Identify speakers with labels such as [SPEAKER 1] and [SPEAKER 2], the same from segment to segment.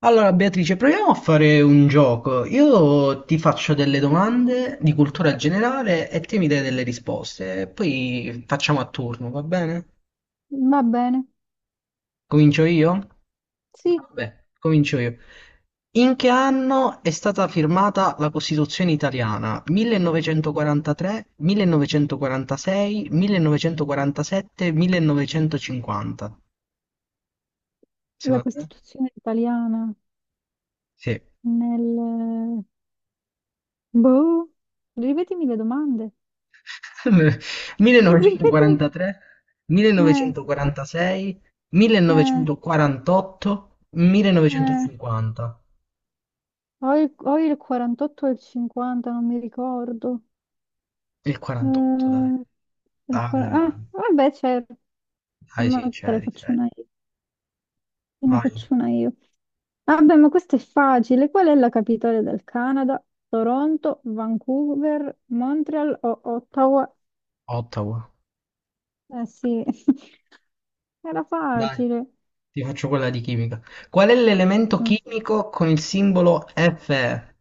[SPEAKER 1] Allora, Beatrice, proviamo a fare un gioco. Io ti faccio delle domande di cultura generale e te mi dai delle risposte. E poi facciamo a turno, va bene?
[SPEAKER 2] Va bene,
[SPEAKER 1] Comincio io?
[SPEAKER 2] sì,
[SPEAKER 1] Vabbè, comincio io. In che anno è stata firmata la Costituzione italiana? 1943, 1946, 1947, 1950.
[SPEAKER 2] la
[SPEAKER 1] Secondo te?
[SPEAKER 2] Costituzione italiana
[SPEAKER 1] Sì.
[SPEAKER 2] nel... Boh, ripetimi le domande. Ripetimi.
[SPEAKER 1] 1943,
[SPEAKER 2] Eh,
[SPEAKER 1] 1946,
[SPEAKER 2] eh,
[SPEAKER 1] 1948,
[SPEAKER 2] eh.
[SPEAKER 1] 1950.
[SPEAKER 2] Ho il 48 e il 50, non mi ricordo.
[SPEAKER 1] Il 48, dai.
[SPEAKER 2] Eh, il
[SPEAKER 1] Dai,
[SPEAKER 2] qua-
[SPEAKER 1] dai,
[SPEAKER 2] ah,
[SPEAKER 1] dai.
[SPEAKER 2] vabbè, c'è...
[SPEAKER 1] Dai, sì,
[SPEAKER 2] Ma te ne
[SPEAKER 1] c'eri,
[SPEAKER 2] faccio
[SPEAKER 1] c'eri.
[SPEAKER 2] una io. Te ne
[SPEAKER 1] Vai,
[SPEAKER 2] faccio una io. Vabbè, ma questo è facile. Qual è la capitale del Canada? Toronto, Vancouver, Montreal o Ottawa?
[SPEAKER 1] Ottawa.
[SPEAKER 2] Eh sì, era
[SPEAKER 1] Dai,
[SPEAKER 2] facile.
[SPEAKER 1] ti faccio quella di chimica. Qual è l'elemento
[SPEAKER 2] Mm,
[SPEAKER 1] chimico con il simbolo Fe?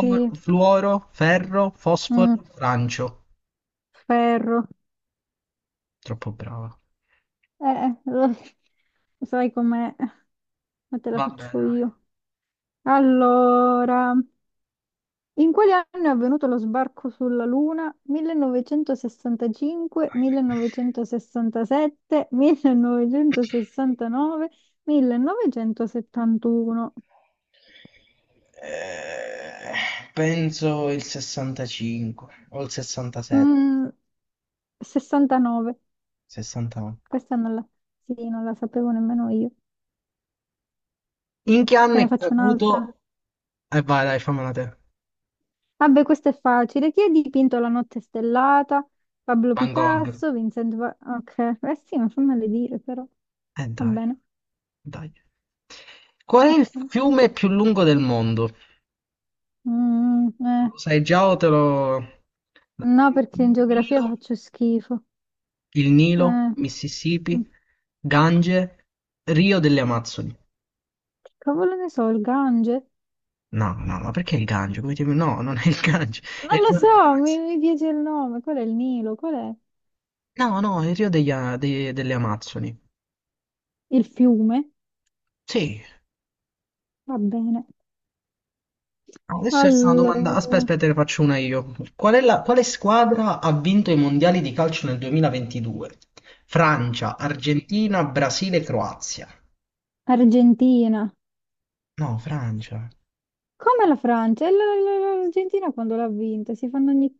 [SPEAKER 2] sì,
[SPEAKER 1] fluoro, ferro, fosforo,
[SPEAKER 2] mm,
[SPEAKER 1] francio.
[SPEAKER 2] ferro.
[SPEAKER 1] Troppo brava.
[SPEAKER 2] Lo sai com'è? Ma te la
[SPEAKER 1] Vabbè,
[SPEAKER 2] faccio
[SPEAKER 1] dai.
[SPEAKER 2] io. Allora, in quali anni è avvenuto lo sbarco sulla Luna? 1965,
[SPEAKER 1] Vai.
[SPEAKER 2] 1967, 1969, 1971.
[SPEAKER 1] Penso il 65 o il 67,
[SPEAKER 2] Mm, 69.
[SPEAKER 1] 69.
[SPEAKER 2] Questa non la, sì, non la sapevo nemmeno io.
[SPEAKER 1] In che anno
[SPEAKER 2] Te ne
[SPEAKER 1] è
[SPEAKER 2] faccio un'altra.
[SPEAKER 1] caduto? E vai, dai, fammela te.
[SPEAKER 2] Vabbè, questo è facile. Chi ha dipinto La notte stellata? Pablo
[SPEAKER 1] Van Gogh.
[SPEAKER 2] Picasso, Vincent Van... Ok, eh sì, non fammele dire però. Va
[SPEAKER 1] Dai,
[SPEAKER 2] bene,
[SPEAKER 1] dai. Qual è il
[SPEAKER 2] ok.
[SPEAKER 1] fiume più lungo del mondo?
[SPEAKER 2] Mm, eh.
[SPEAKER 1] Lo sai già o te lo.
[SPEAKER 2] No, perché in
[SPEAKER 1] Il
[SPEAKER 2] geografia
[SPEAKER 1] Nilo,
[SPEAKER 2] faccio schifo. Mm.
[SPEAKER 1] Mississippi, Gange, Rio delle Amazzoni.
[SPEAKER 2] Che cavolo ne so, il Gange?
[SPEAKER 1] No, no, ma perché il Gange? No, non è il Gange, è
[SPEAKER 2] Non
[SPEAKER 1] il
[SPEAKER 2] lo
[SPEAKER 1] Rio delle
[SPEAKER 2] so, mi,
[SPEAKER 1] Amazzoni.
[SPEAKER 2] mi piace il nome. Qual è il Nilo? Qual è
[SPEAKER 1] No, no, il Rio delle Amazzoni.
[SPEAKER 2] il fiume?
[SPEAKER 1] Sì,
[SPEAKER 2] Va bene.
[SPEAKER 1] no, adesso è una domanda. Aspetta,
[SPEAKER 2] Allora,
[SPEAKER 1] aspetta, te ne faccio una io. Quale squadra ha vinto i mondiali di calcio nel 2022? Francia, Argentina, Brasile, Croazia.
[SPEAKER 2] Argentina.
[SPEAKER 1] No, Francia.
[SPEAKER 2] Come la Francia? E L'Argentina quando l'ha vinta? Si fanno ogni...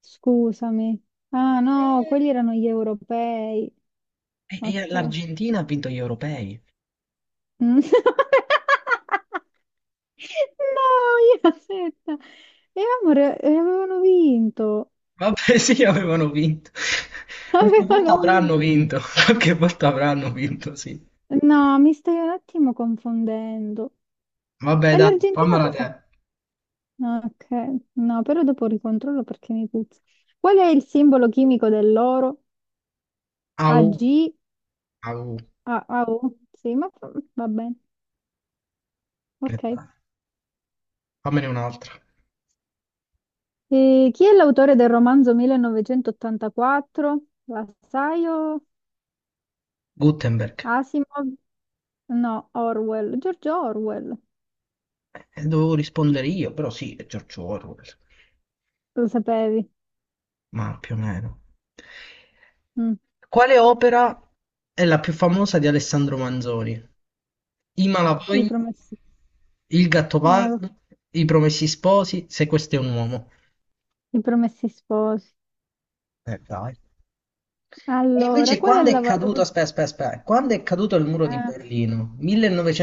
[SPEAKER 2] Scusami. Ah no,
[SPEAKER 1] Eh,
[SPEAKER 2] quelli erano gli europei.
[SPEAKER 1] e
[SPEAKER 2] Ok.
[SPEAKER 1] l'Argentina ha vinto gli europei.
[SPEAKER 2] Mm. No, io aspetta. E amore, avevano vinto.
[SPEAKER 1] Vabbè, sì, avevano vinto. Qualche volta
[SPEAKER 2] Avevano
[SPEAKER 1] avranno
[SPEAKER 2] vinto.
[SPEAKER 1] vinto. Qualche volta avranno vinto, sì.
[SPEAKER 2] No, mi stai un attimo confondendo.
[SPEAKER 1] Vabbè,
[SPEAKER 2] E
[SPEAKER 1] dai,
[SPEAKER 2] l'Argentina
[SPEAKER 1] fammela
[SPEAKER 2] cosa?
[SPEAKER 1] te.
[SPEAKER 2] Ah, ok, no, però dopo ricontrollo perché mi puzza. Qual è il simbolo chimico dell'oro?
[SPEAKER 1] Au,
[SPEAKER 2] Ag,
[SPEAKER 1] au.
[SPEAKER 2] ah, ah, oh, sì, va bene. Ok.
[SPEAKER 1] Aspetta, fammene un'altra.
[SPEAKER 2] E chi è l'autore del romanzo 1984? La sai o
[SPEAKER 1] Gutenberg.
[SPEAKER 2] Asimov? No, Orwell. George Orwell.
[SPEAKER 1] Dovevo rispondere io, però sì, è George Orwell,
[SPEAKER 2] Lo sapevi?
[SPEAKER 1] ma più o meno.
[SPEAKER 2] Mm,
[SPEAKER 1] Quale opera è la più famosa di Alessandro Manzoni? I
[SPEAKER 2] I
[SPEAKER 1] Malavoglia,
[SPEAKER 2] promessi.
[SPEAKER 1] Il
[SPEAKER 2] Eh,
[SPEAKER 1] Gattopardo, I Promessi Sposi, Se questo è un uomo.
[SPEAKER 2] I promessi sposi.
[SPEAKER 1] Dai. E
[SPEAKER 2] Allora,
[SPEAKER 1] invece
[SPEAKER 2] qual è
[SPEAKER 1] quando è
[SPEAKER 2] la
[SPEAKER 1] caduto,
[SPEAKER 2] valuta?
[SPEAKER 1] aspetta, aspetta, aspetta, quando è caduto il muro di
[SPEAKER 2] Eh,
[SPEAKER 1] Berlino?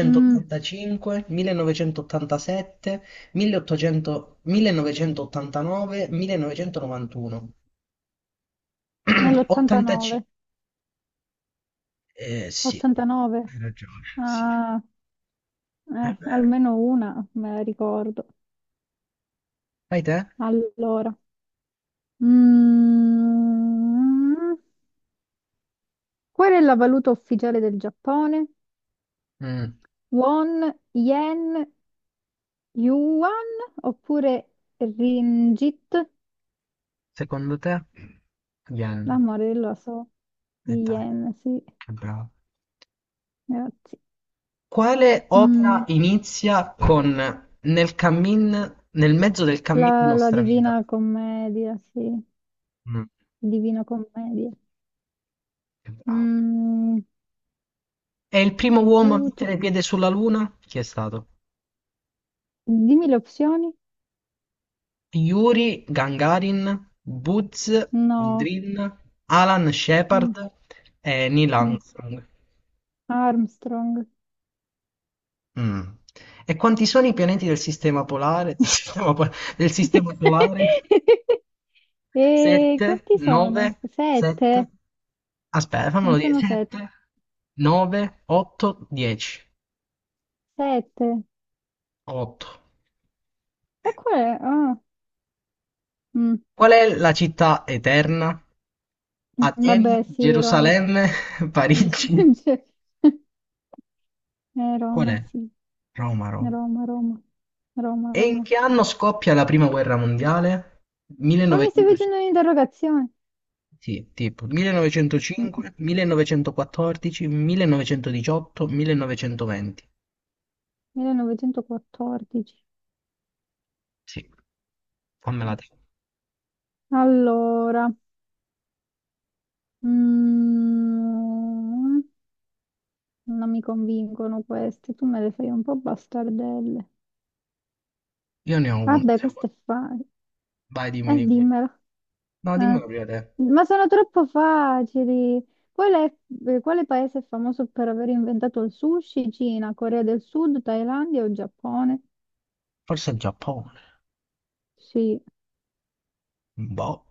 [SPEAKER 2] mm,
[SPEAKER 1] 1987, 1800, 1989, 1991, 85,
[SPEAKER 2] nell'89.
[SPEAKER 1] Sì,
[SPEAKER 2] 89.
[SPEAKER 1] hai ragione, sì,
[SPEAKER 2] Ah,
[SPEAKER 1] è vero.
[SPEAKER 2] almeno una me la ricordo.
[SPEAKER 1] Fai te?
[SPEAKER 2] Allora. Mm, qual è la valuta ufficiale del Giappone?
[SPEAKER 1] Mm,
[SPEAKER 2] Won, yen, yuan oppure ringgit?
[SPEAKER 1] Secondo te? Yen.
[SPEAKER 2] Amore, lo so,
[SPEAKER 1] E dai,
[SPEAKER 2] yen, sì,
[SPEAKER 1] che bravo.
[SPEAKER 2] grazie.
[SPEAKER 1] Quale opera
[SPEAKER 2] Mm,
[SPEAKER 1] inizia con nel cammin, nel mezzo del cammin di
[SPEAKER 2] la
[SPEAKER 1] nostra vita?
[SPEAKER 2] Divina Commedia, sì,
[SPEAKER 1] Mm,
[SPEAKER 2] Divina Commedia.
[SPEAKER 1] Che bravo.
[SPEAKER 2] Mm,
[SPEAKER 1] È il primo uomo a
[SPEAKER 2] aiuto.
[SPEAKER 1] mettere piede sulla Luna? Chi è stato?
[SPEAKER 2] Dimmi le opzioni?
[SPEAKER 1] Yuri Gagarin, Buzz
[SPEAKER 2] No,
[SPEAKER 1] Aldrin, Alan Shepard
[SPEAKER 2] mm,
[SPEAKER 1] e Neil
[SPEAKER 2] mm.
[SPEAKER 1] Armstrong.
[SPEAKER 2] Armstrong.
[SPEAKER 1] Mh. E quanti sono i pianeti del sistema polare del sistema solare?
[SPEAKER 2] E
[SPEAKER 1] 7,
[SPEAKER 2] quanti
[SPEAKER 1] 9,
[SPEAKER 2] sono?
[SPEAKER 1] 7,
[SPEAKER 2] Sette?
[SPEAKER 1] aspe fammelo
[SPEAKER 2] Non
[SPEAKER 1] dire,
[SPEAKER 2] sono sette.
[SPEAKER 1] 7, 9, 8, 10,
[SPEAKER 2] Sette.
[SPEAKER 1] 8.
[SPEAKER 2] E qual è? Ah, mm,
[SPEAKER 1] Qual è la città eterna?
[SPEAKER 2] vabbè,
[SPEAKER 1] Atene,
[SPEAKER 2] sì, Roma.
[SPEAKER 1] Gerusalemme, Parigi.
[SPEAKER 2] Cioè,
[SPEAKER 1] Qual
[SPEAKER 2] Roma,
[SPEAKER 1] è?
[SPEAKER 2] sì.
[SPEAKER 1] Roma, Roma.
[SPEAKER 2] Roma, Roma. Roma,
[SPEAKER 1] E in
[SPEAKER 2] Roma.
[SPEAKER 1] che anno scoppia la prima guerra mondiale?
[SPEAKER 2] Ma mi stai facendo
[SPEAKER 1] 1905.
[SPEAKER 2] un'interrogazione?
[SPEAKER 1] Sì, tipo
[SPEAKER 2] Mm,
[SPEAKER 1] 1905, 1914, 1918, 1920.
[SPEAKER 2] 1914.
[SPEAKER 1] Sì, fammela te.
[SPEAKER 2] Allora, mm, non mi convincono queste. Tu me le fai un po' bastardelle.
[SPEAKER 1] Io ne ho una,
[SPEAKER 2] Vabbè,
[SPEAKER 1] se vuoi.
[SPEAKER 2] questo è facile.
[SPEAKER 1] Vai, dimmi, dimmi.
[SPEAKER 2] Dimmelo.
[SPEAKER 1] No,
[SPEAKER 2] Eh.
[SPEAKER 1] dimmela prima te.
[SPEAKER 2] Ma sono troppo facili. Qual è, quale paese è famoso per aver inventato il sushi? Cina, Corea del Sud, Thailandia o Giappone?
[SPEAKER 1] Forse il Giappone.
[SPEAKER 2] Sì,
[SPEAKER 1] Boh.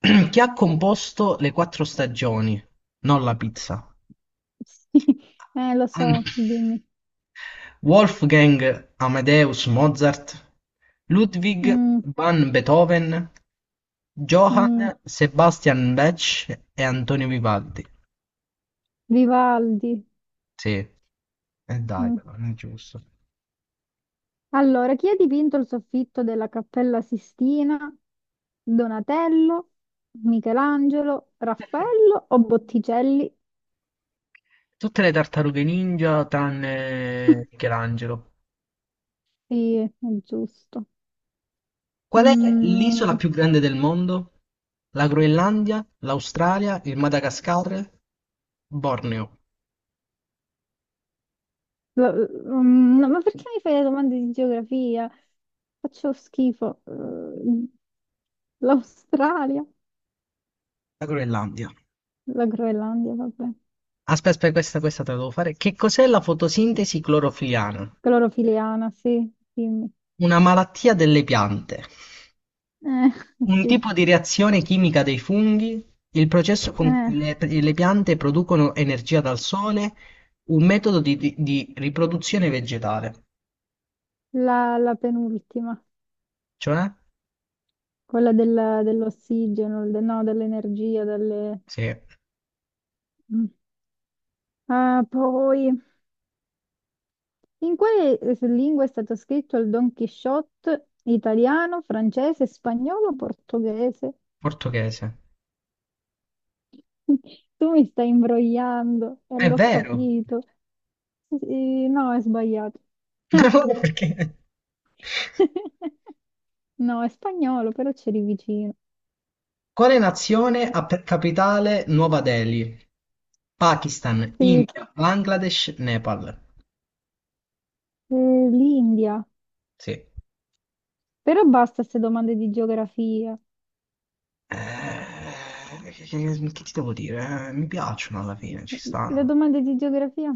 [SPEAKER 1] Chi ha composto le quattro stagioni? Non la pizza.
[SPEAKER 2] sì, lo
[SPEAKER 1] An-
[SPEAKER 2] so, dimmi.
[SPEAKER 1] Wolfgang Amadeus Mozart, Ludwig
[SPEAKER 2] Mm,
[SPEAKER 1] van Beethoven,
[SPEAKER 2] mm,
[SPEAKER 1] Johann Sebastian Bach e Antonio Vivaldi.
[SPEAKER 2] Vivaldi.
[SPEAKER 1] Sì. E dai,
[SPEAKER 2] Mm.
[SPEAKER 1] però, non è giusto.
[SPEAKER 2] Allora, chi ha dipinto il soffitto della Cappella Sistina? Donatello, Michelangelo, Raffaello o Botticelli?
[SPEAKER 1] Tutte le tartarughe ninja tranne Michelangelo.
[SPEAKER 2] Sì, è giusto.
[SPEAKER 1] Qual è l'isola
[SPEAKER 2] Mm,
[SPEAKER 1] più grande del mondo? La Groenlandia, l'Australia, il Madagascar, Borneo.
[SPEAKER 2] lo- no, ma perché mi fai le domande di geografia? Faccio schifo. L'Australia,
[SPEAKER 1] La Groenlandia.
[SPEAKER 2] la Groenlandia, vabbè.
[SPEAKER 1] Aspetta, aspetta, questa te la devo fare. Che cos'è la fotosintesi clorofiliana?
[SPEAKER 2] Clorofiliana, sì, dimmi.
[SPEAKER 1] Una malattia delle piante. Un
[SPEAKER 2] Sì.
[SPEAKER 1] tipo di reazione chimica dei funghi, il processo con cui
[SPEAKER 2] Eh,
[SPEAKER 1] le piante producono energia dal sole, un metodo di riproduzione vegetale.
[SPEAKER 2] la penultima,
[SPEAKER 1] Cioè?
[SPEAKER 2] quella dell'ossigeno, no, dell'energia, delle...
[SPEAKER 1] Sì,
[SPEAKER 2] Mm. Ah, poi... In quale lingua è stato scritto il Don Quixote? Italiano, francese, spagnolo, portoghese?
[SPEAKER 1] portoghese.
[SPEAKER 2] Tu mi stai imbrogliando e
[SPEAKER 1] È
[SPEAKER 2] l'ho
[SPEAKER 1] vero!
[SPEAKER 2] capito. No, è sbagliato. Ah.
[SPEAKER 1] Perché?
[SPEAKER 2] No, è spagnolo, però c'eri vicino.
[SPEAKER 1] Quale nazione ha per capitale Nuova Delhi? Pakistan,
[SPEAKER 2] Sì,
[SPEAKER 1] India, Bangladesh, Nepal.
[SPEAKER 2] l'India.
[SPEAKER 1] Sì.
[SPEAKER 2] Però basta queste domande di geografia.
[SPEAKER 1] Che ti devo dire? Mi piacciono alla fine, ci
[SPEAKER 2] Le
[SPEAKER 1] stanno.
[SPEAKER 2] domande di geografia?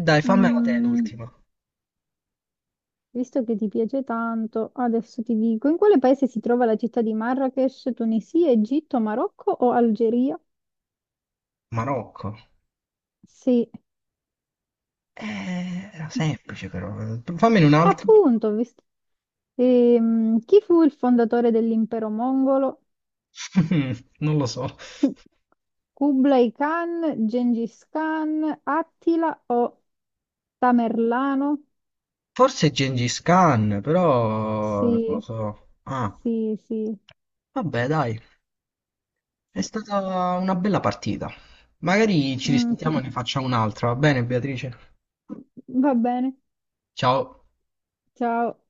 [SPEAKER 1] E dai, fammela te
[SPEAKER 2] Mm.
[SPEAKER 1] l'ultima.
[SPEAKER 2] Visto che ti piace tanto, adesso ti dico, in quale paese si trova la città di Marrakech, Tunisia, Egitto, Marocco o Algeria?
[SPEAKER 1] Marocco.
[SPEAKER 2] Sì,
[SPEAKER 1] Era semplice però. Fammene un altro.
[SPEAKER 2] appunto, ho visto- Chi fu il fondatore dell'impero mongolo?
[SPEAKER 1] Non lo so.
[SPEAKER 2] Kublai Khan, Gengis Khan, Attila o Tamerlano?
[SPEAKER 1] Forse Gengis Khan, però non lo
[SPEAKER 2] Sì,
[SPEAKER 1] so. Ah,
[SPEAKER 2] sì, sì. Sì.
[SPEAKER 1] vabbè, dai. È stata una bella partita. Magari ci
[SPEAKER 2] Mm,
[SPEAKER 1] risentiamo e ne facciamo un'altra, va bene, Beatrice?
[SPEAKER 2] va bene,
[SPEAKER 1] Ciao.
[SPEAKER 2] ciao.